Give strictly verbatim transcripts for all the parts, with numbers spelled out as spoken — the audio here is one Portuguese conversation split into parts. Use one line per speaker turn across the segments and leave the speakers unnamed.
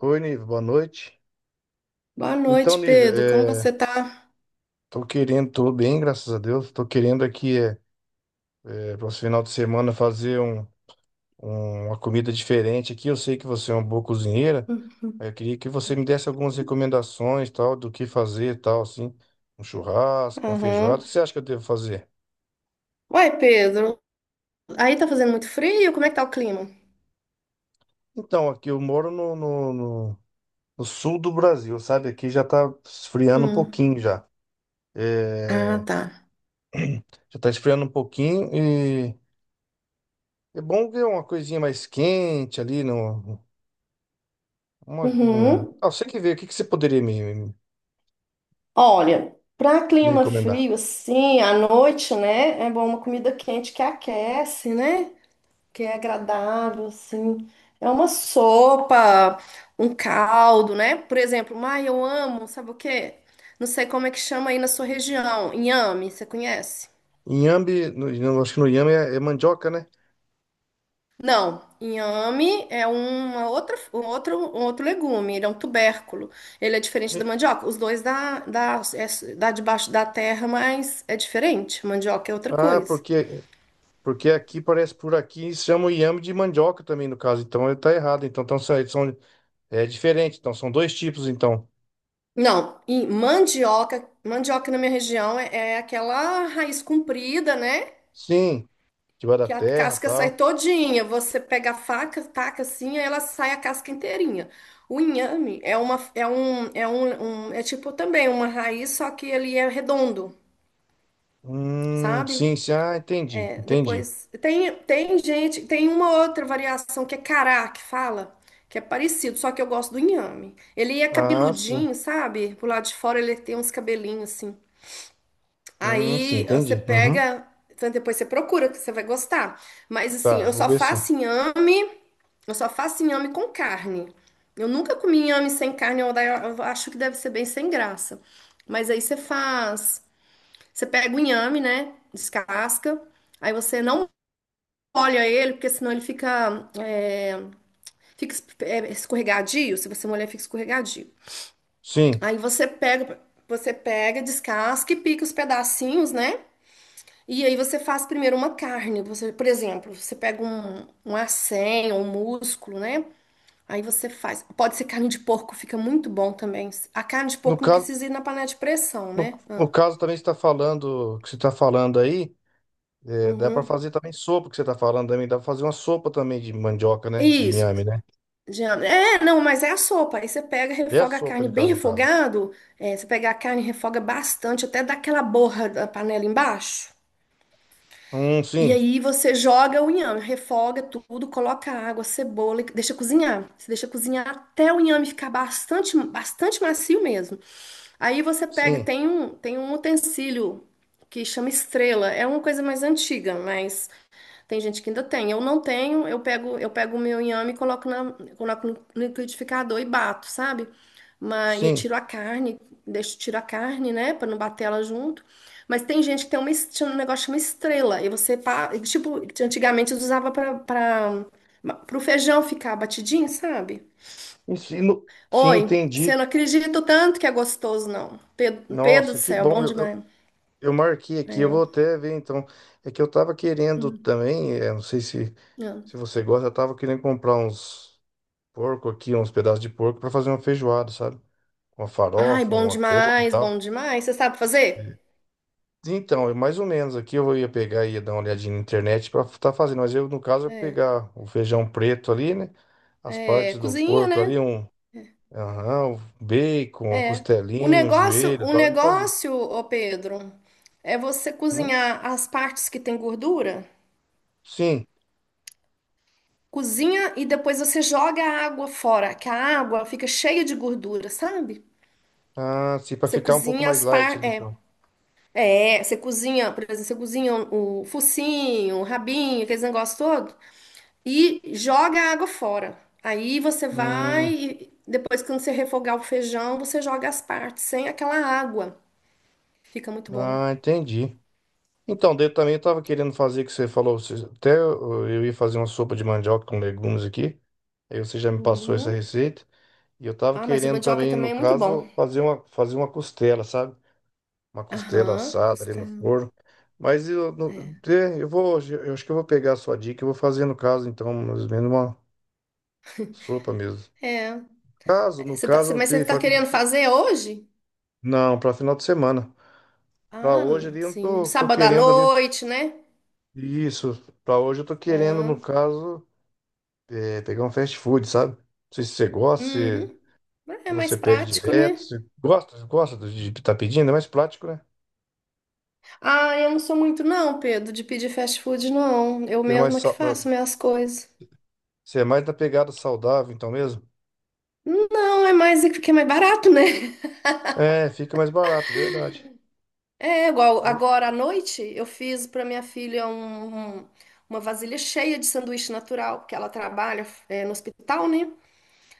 Oi, Nive, boa noite.
Boa
Então,
noite,
Nive,
Pedro. Como você
é,
tá?
tô querendo, tô bem, graças a Deus. Tô querendo aqui, é, é, para esse final de semana, fazer um, um- uma comida diferente aqui. Eu sei que você é uma boa cozinheira. Aí eu
Uhum.
queria que você me desse algumas recomendações, tal, do que fazer, tal, assim. Um churrasco, uma feijoada. O
Aham.
que você acha que eu devo fazer?
Uai, Pedro, aí tá fazendo muito frio? Como é que tá o clima?
Então, aqui eu moro no, no, no- no sul do Brasil, sabe? Aqui já tá esfriando um
Hum.
pouquinho já.
Ah,
É,
tá.
já tá esfriando um pouquinho. É bom ver uma coisinha mais quente ali no. Uma, um...
Uhum.
Ah, você que vê, o que que você poderia me, me-
Olha, pra
me
clima
recomendar?
frio, assim, à noite, né? É bom uma comida quente que aquece, né? Que é agradável, assim. É uma sopa, um caldo, né? Por exemplo, mas eu amo, sabe o quê? Não sei como é que chama aí na sua região. Inhame, você conhece?
Inhame, no, não, acho que no inhame é, é mandioca, né?
Não, inhame é uma outra, um outro, um outro legume, ele é um tubérculo. Ele é diferente da
E-
mandioca. Os dois dá, dá, é- dá debaixo da terra, mas é diferente. Mandioca é outra
Ah,
coisa.
porque porque aqui parece por aqui chama o inhame de mandioca também no caso, então ele tá errado. Então, então são, são- é diferente, então são dois tipos então.
Não, e mandioca, mandioca na minha região é, é aquela raiz comprida, né?
Sim, de vai da
Que a
terra,
casca sai
tal.
todinha. Você pega a faca, taca assim, aí ela sai a casca inteirinha. O inhame é uma, é um, é um, um- é tipo também uma raiz, só que ele é redondo,
Hum,
sabe?
sim, sim, ah, entendi, entendi.
Depois, tem, tem gente, tem uma outra variação que é cará, que fala, que é parecido, só que eu gosto do inhame. Ele é
Ah, sim.
cabeludinho, sabe? Por lado de fora ele tem uns cabelinhos assim.
Hum, sim,
Aí você
entendi. Uhum.
pega, então depois você procura, que você vai gostar. Mas assim,
Tá,
eu
vou
só
ver sim.
faço inhame, eu só faço inhame com carne. Eu nunca comi inhame sem carne, eu eu acho que deve ser bem sem graça. Mas aí você faz, você pega o inhame, né? Descasca. Aí você não molha ele, porque senão ele fica, é, fica es- é, escorregadio. Se você molhar, fica escorregadio.
Sim.
Aí você pega, você pega, descasca e pica os pedacinhos, né? E aí você faz primeiro uma carne. Você, por exemplo, você pega um, um acém ou um músculo, né? Aí você faz. Pode ser carne de porco, fica muito bom também. A carne de
No
porco não
caso
precisa ir na panela de pressão,
No,
né? Ah,
no caso também você está falando, que você está falando aí, é, dá para
uhum.
fazer também sopa que você está falando também, dá para fazer uma sopa também de mandioca, né? De
Isso.
inhame, né?
Já- É, não, mas é a sopa. Aí você pega,
É
refoga a
sopa
carne
de
bem
caso, no caso.
refogado. É, você pega a carne, refoga bastante, até dar aquela borra da panela embaixo.
Hum,
E
sim,
aí você joga o inhame, refoga tudo, coloca água, cebola, e deixa cozinhar. Você deixa cozinhar até o inhame ficar bastante, bastante macio mesmo. Aí você pega,
sim,
tem um, tem um utensílio que chama estrela. É uma coisa mais antiga, mas tem gente que ainda tem. Eu não tenho, eu pego, eu pego o meu inhame e coloco, na, coloco no no liquidificador e bato, sabe? Mas eu
sim.
tiro a carne, deixo, tiro a carne, né, pra não bater ela junto. Mas tem gente que tem uma, es- tinha um negócio que chama estrela, e você, pa- e, tipo, antigamente usava pra para o feijão ficar batidinho, sabe?
E Sim, no- sim,
Oi,
entendi.
você não acredita o tanto que é gostoso, não. Pedro, Pedro
Nossa,
do
que
céu,
bom.
bom
Eu, eu,
demais.
eu marquei aqui, eu
É.
vou até ver então. É que eu tava querendo
Hum,
também, é, não sei se,
não.
se você gosta, eu tava querendo comprar uns porco aqui, uns pedaços de porco para fazer uma feijoada, sabe? Uma
Ai,
farofa,
bom
uma couve e
demais,
tal.
bom demais. Você sabe fazer?
Então, é mais ou menos aqui eu ia pegar e ia dar uma olhadinha na internet para estar fazendo, mas eu, no caso, eu
É.
pegar o feijão preto ali, né? As
É,
partes do
cozinha,
porco ali,
né?
um, aham, um bacon, um
É. O
costelinho, um
negócio,
joelho e
o
tal, e fazer.
negócio, ô Pedro, é você
Hum?
cozinhar as partes que tem gordura,
Sim.
cozinha e depois você joga a água fora, que a água fica cheia de gordura, sabe?
Ah, sim, para
Você
ficar um pouco
cozinha
mais
as
light ali,
partes. É,
então.
é, você cozinha, por exemplo, você cozinha o focinho, o rabinho, aqueles negócios todo, e joga a água fora. Aí você vai,
Hum,
e depois quando você refogar o feijão, você joga as partes sem aquela água. Fica muito bom.
ah, entendi. Então, daí eu também estava querendo fazer o que você falou. você- Até eu eu ia fazer uma sopa de mandioca com legumes aqui. Aí você já me passou essa
Uhum.
receita. E eu tava
Ah, mas o
querendo
mandioca
também, no
também é muito bom.
caso, fazer uma, fazer uma costela, sabe? Uma costela
Aham,
assada ali no
costela.
forno. Mas eu, não-
É.
é, eu vou, eu acho que eu vou pegar a sua dica e vou fazer no caso, então, mais ou menos uma sopa mesmo.
É.
Caso,
É,
no
Você tá- você-
caso, o
mas
que eu
você
ia
tá
falar, com-
querendo fazer hoje?
não, para final de semana. Para
Ah,
hoje
n-
ali, eu não
sim.
tô, tô
Sábado à
querendo ali,
noite, né?
isso, para hoje eu tô querendo,
Ah,
no caso, é, pegar um fast food, sabe? Não sei se você gosta, se
uhum. É
se
mais
você pede
prático, né?
direto, se gosta, gosta de estar pedindo, é mais prático, né?
Ah, eu não sou muito, não, Pedro, de pedir fast food, não. Eu
É mais,
mesma que
sa-
faço minhas coisas.
Você é mais da pegada saudável, então mesmo?
Não, é mais porque é mais barato, né?
É, fica mais barato, verdade.
É igual
Ju-
agora à noite eu fiz para minha filha um, um- uma vasilha cheia de sanduíche natural, porque ela trabalha é, no hospital, né?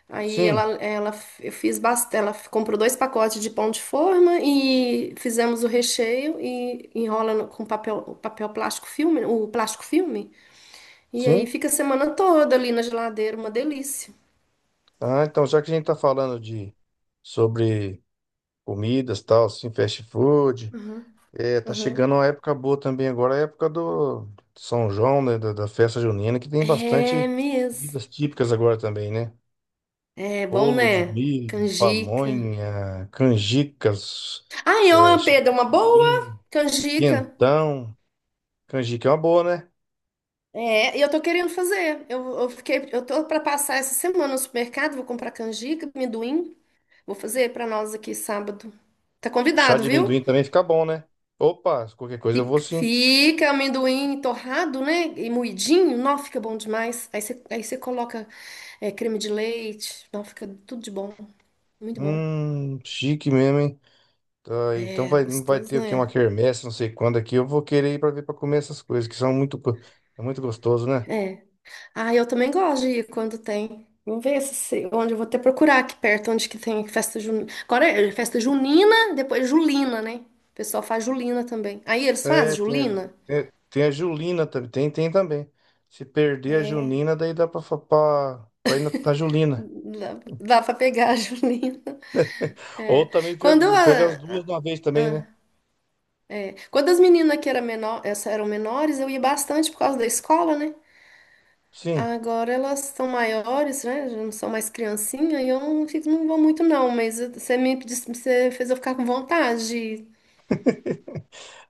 Aí
Sim,
ela, ela eu fiz bastante, ela comprou dois pacotes de pão de forma e fizemos o recheio e enrola no- com papel, papel plástico filme, o plástico filme, e aí
sim.
fica a semana toda ali na geladeira, uma delícia.
Ah, então já que a gente tá falando de sobre comidas, tal, assim, fast food,
Uhum,
é, tá
uhum.
chegando uma época boa também agora, a época do São João, né, da, da festa junina, que tem
É
bastante
mesmo.
comidas típicas agora também, né?
É bom,
Bolo de
né?
milho,
Canjica.
pamonha, canjicas,
Ai,
é,
ó,
chá
Pedro,
de
uma boa
amendoim,
canjica.
quentão. Canjica é uma boa, né?
É, e eu tô querendo fazer. Eu, eu fiquei, eu tô para passar essa semana no supermercado, vou comprar canjica, amendoim, vou fazer para nós aqui sábado. Tá
Chá
convidado,
de
viu?
amendoim também fica bom, né? Opa, qualquer coisa eu vou
Fica,
sim.
fica amendoim torrado, né? E moidinho, não, fica bom demais. Aí você, aí você coloca é, creme de leite, não, fica tudo de bom. Muito bom.
Hum, chique mesmo, hein? Tá, então
É,
vai, não vai
gostoso,
ter aqui uma
né?
quermesse, não sei quando aqui. Eu vou querer ir pra ver pra comer essas coisas, que são muito, go- é muito gostoso, né?
É. Ah, eu também gosto de ir quando tem. Vamos ver se, se- onde eu vou até procurar aqui perto, onde que tem festa junina. Agora é é festa junina, depois julina, né? O pessoal faz julina também. Aí eles
É,
fazem
tem, a-
julina?
tem, tem a Julina também. Tem, tem também. Se perder a
É,
Julina, daí dá pra, fa- pra, pra ir na, na Julina.
dá, dá pra pegar a julina.
Ou
É.
também
Quando, eu,
pega, pega as
ah, ah,
duas de uma vez também, né?
ah, é. Quando as meninas que eram, menor, essa- eram menores, eu ia bastante por causa da escola, né?
Sim.
Agora elas são maiores, né? Já não são mais criancinha, e eu não, fico- não vou muito, não. Mas você me, disse- você fez eu ficar com vontade.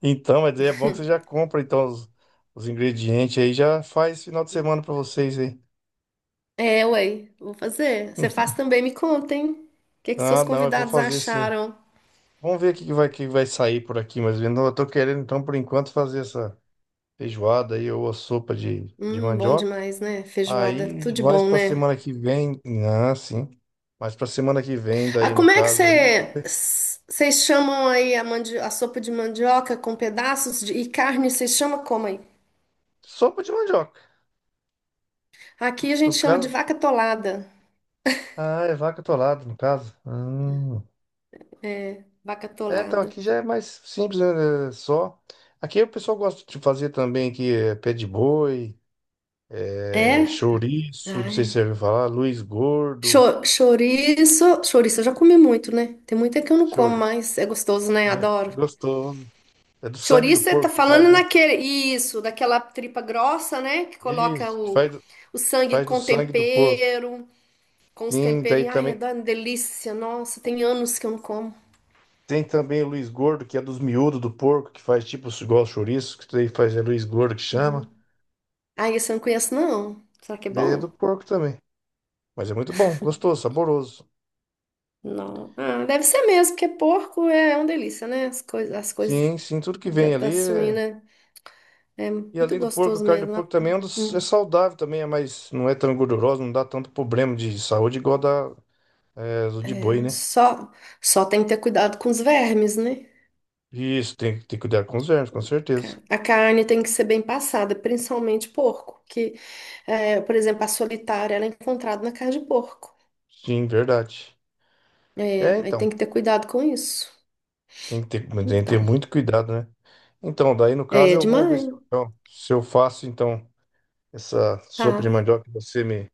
Então, mas aí é bom que você já compra então os, os ingredientes aí, já faz final de semana pra vocês aí.
É, ué, vou fazer. Você faz também, me conta, hein? O que que
Ah,
seus
não, eu vou
convidados
fazer sim.
acharam?
Vamos ver o que que vai, que vai sair por aqui, mas eu não- eu tô querendo, então, por enquanto, fazer essa feijoada aí ou a sopa de, de
Hum, bom
mandioca.
demais, né? Feijoada,
Aí,
tudo de
mais
bom,
pra
né?
semana que vem. Ah, sim. Mais pra semana que vem,
Ah,
daí, no
como é que
caso, aí.
você, vocês chamam aí a, mandi- a sopa de mandioca com pedaços de, e carne, vocês chamam como aí?
Sopa de mandioca.
Aqui a gente
No
chama
caso.
de vaca tolada.
Ah, é vaca atolada, no caso. Hum.
É, vaca
É, então
tolada.
aqui já é mais simples, né? É só. Aqui o pessoal gosta de fazer também aqui é, pé de boi, é,
É?
chouriço, não sei se você
Ai.
ouviu falar, Luiz Gordo.
Cho- Chouriço, chouriço eu já comi muito, né? Tem muito é que eu não como,
Chore.
mas é gostoso, né?
É,
Adoro.
gostoso. É do sangue do
Chouriço, você tá
porco que faz,
falando
né?
naquele, isso, daquela tripa grossa, né? Que coloca
Isso, que
o,
faz, do-
o
que
sangue
faz do
com
sangue do porco.
tempero, com os
Sim, daí
temperos. Ai, é
também.
da- delícia. Nossa, tem anos que eu não como.
Tem também o Luiz Gordo, que é dos miúdos do porco, que faz tipo igual chouriço, que daí faz é Luiz Gordo que chama.
Uhum. Ai, esse eu não conheço, não. Será que é
É do
bom?
porco também. Mas é muito bom, gostoso, saboroso.
Não. Ah, deve ser mesmo, porque porco é uma delícia, né? As coisas, as coisas
Sim, sim, tudo que
da,
vem
da
ali é.
suína é
E
muito
além do porco, a
gostoso
carne do
mesmo. Né?
porco também é, um dos- é
Hum.
saudável também, é mais, não é tão gordurosa, não dá tanto problema de saúde igual a da, é, do de boi, né?
Só, só tem que ter cuidado com os vermes, né?
Isso, tem, tem que cuidar com os vermes, com certeza.
Ca- A carne tem que ser bem passada, principalmente porco, que, é, por exemplo, a solitária ela é encontrada na carne de porco.
Sim, verdade.
É,
É,
aí
então,
tem que ter cuidado com isso.
tem que ter, tem que ter
Então,
muito cuidado, né? Então, daí no caso
é
eu vou ver
demais.
se eu, então, se eu faço então essa sopa de
Tá.
mandioca que você me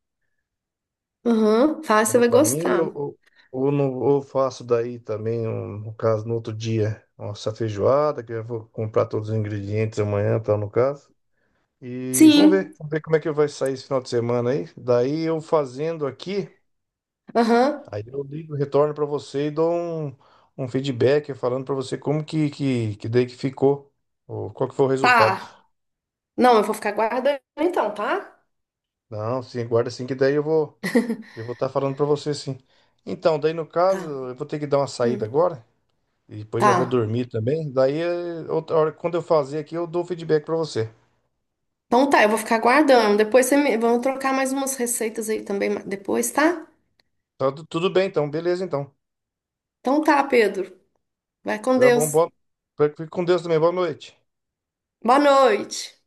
Aham. Tá, você
falou
vai
para mim ou,
gostar.
ou, ou não, ou faço daí também, um- no caso, no outro dia, nossa feijoada, que eu vou comprar todos os ingredientes amanhã, tal, no caso. E vamos ver,
Sim.
vamos ver como é que vai sair esse final de semana aí. Daí eu fazendo aqui.
Aham.
Aí eu ligo, retorno para você e dou um, um feedback falando para você como que, que, que daí que ficou, ou qual que foi o resultado.
Tá. Não, eu vou ficar guardando então, tá?
Não, sim, guarda sim, que daí eu vou eu vou estar falando para você sim. Então, daí no caso,
Tá.
eu vou ter que dar uma
Hum.
saída agora e depois já vou
Tá.
dormir também. Daí eh, outra hora, quando eu fazer aqui, eu dou o feedback para você.
Então tá, eu vou ficar guardando. Depois você me... vamos trocar mais umas receitas aí também ma- depois, tá?
Tá, tu- tudo bem então, beleza então.
Então tá, Pedro. Vai com
Tá bom,
Deus.
boa, fique com Deus também, boa noite.
Boa noite.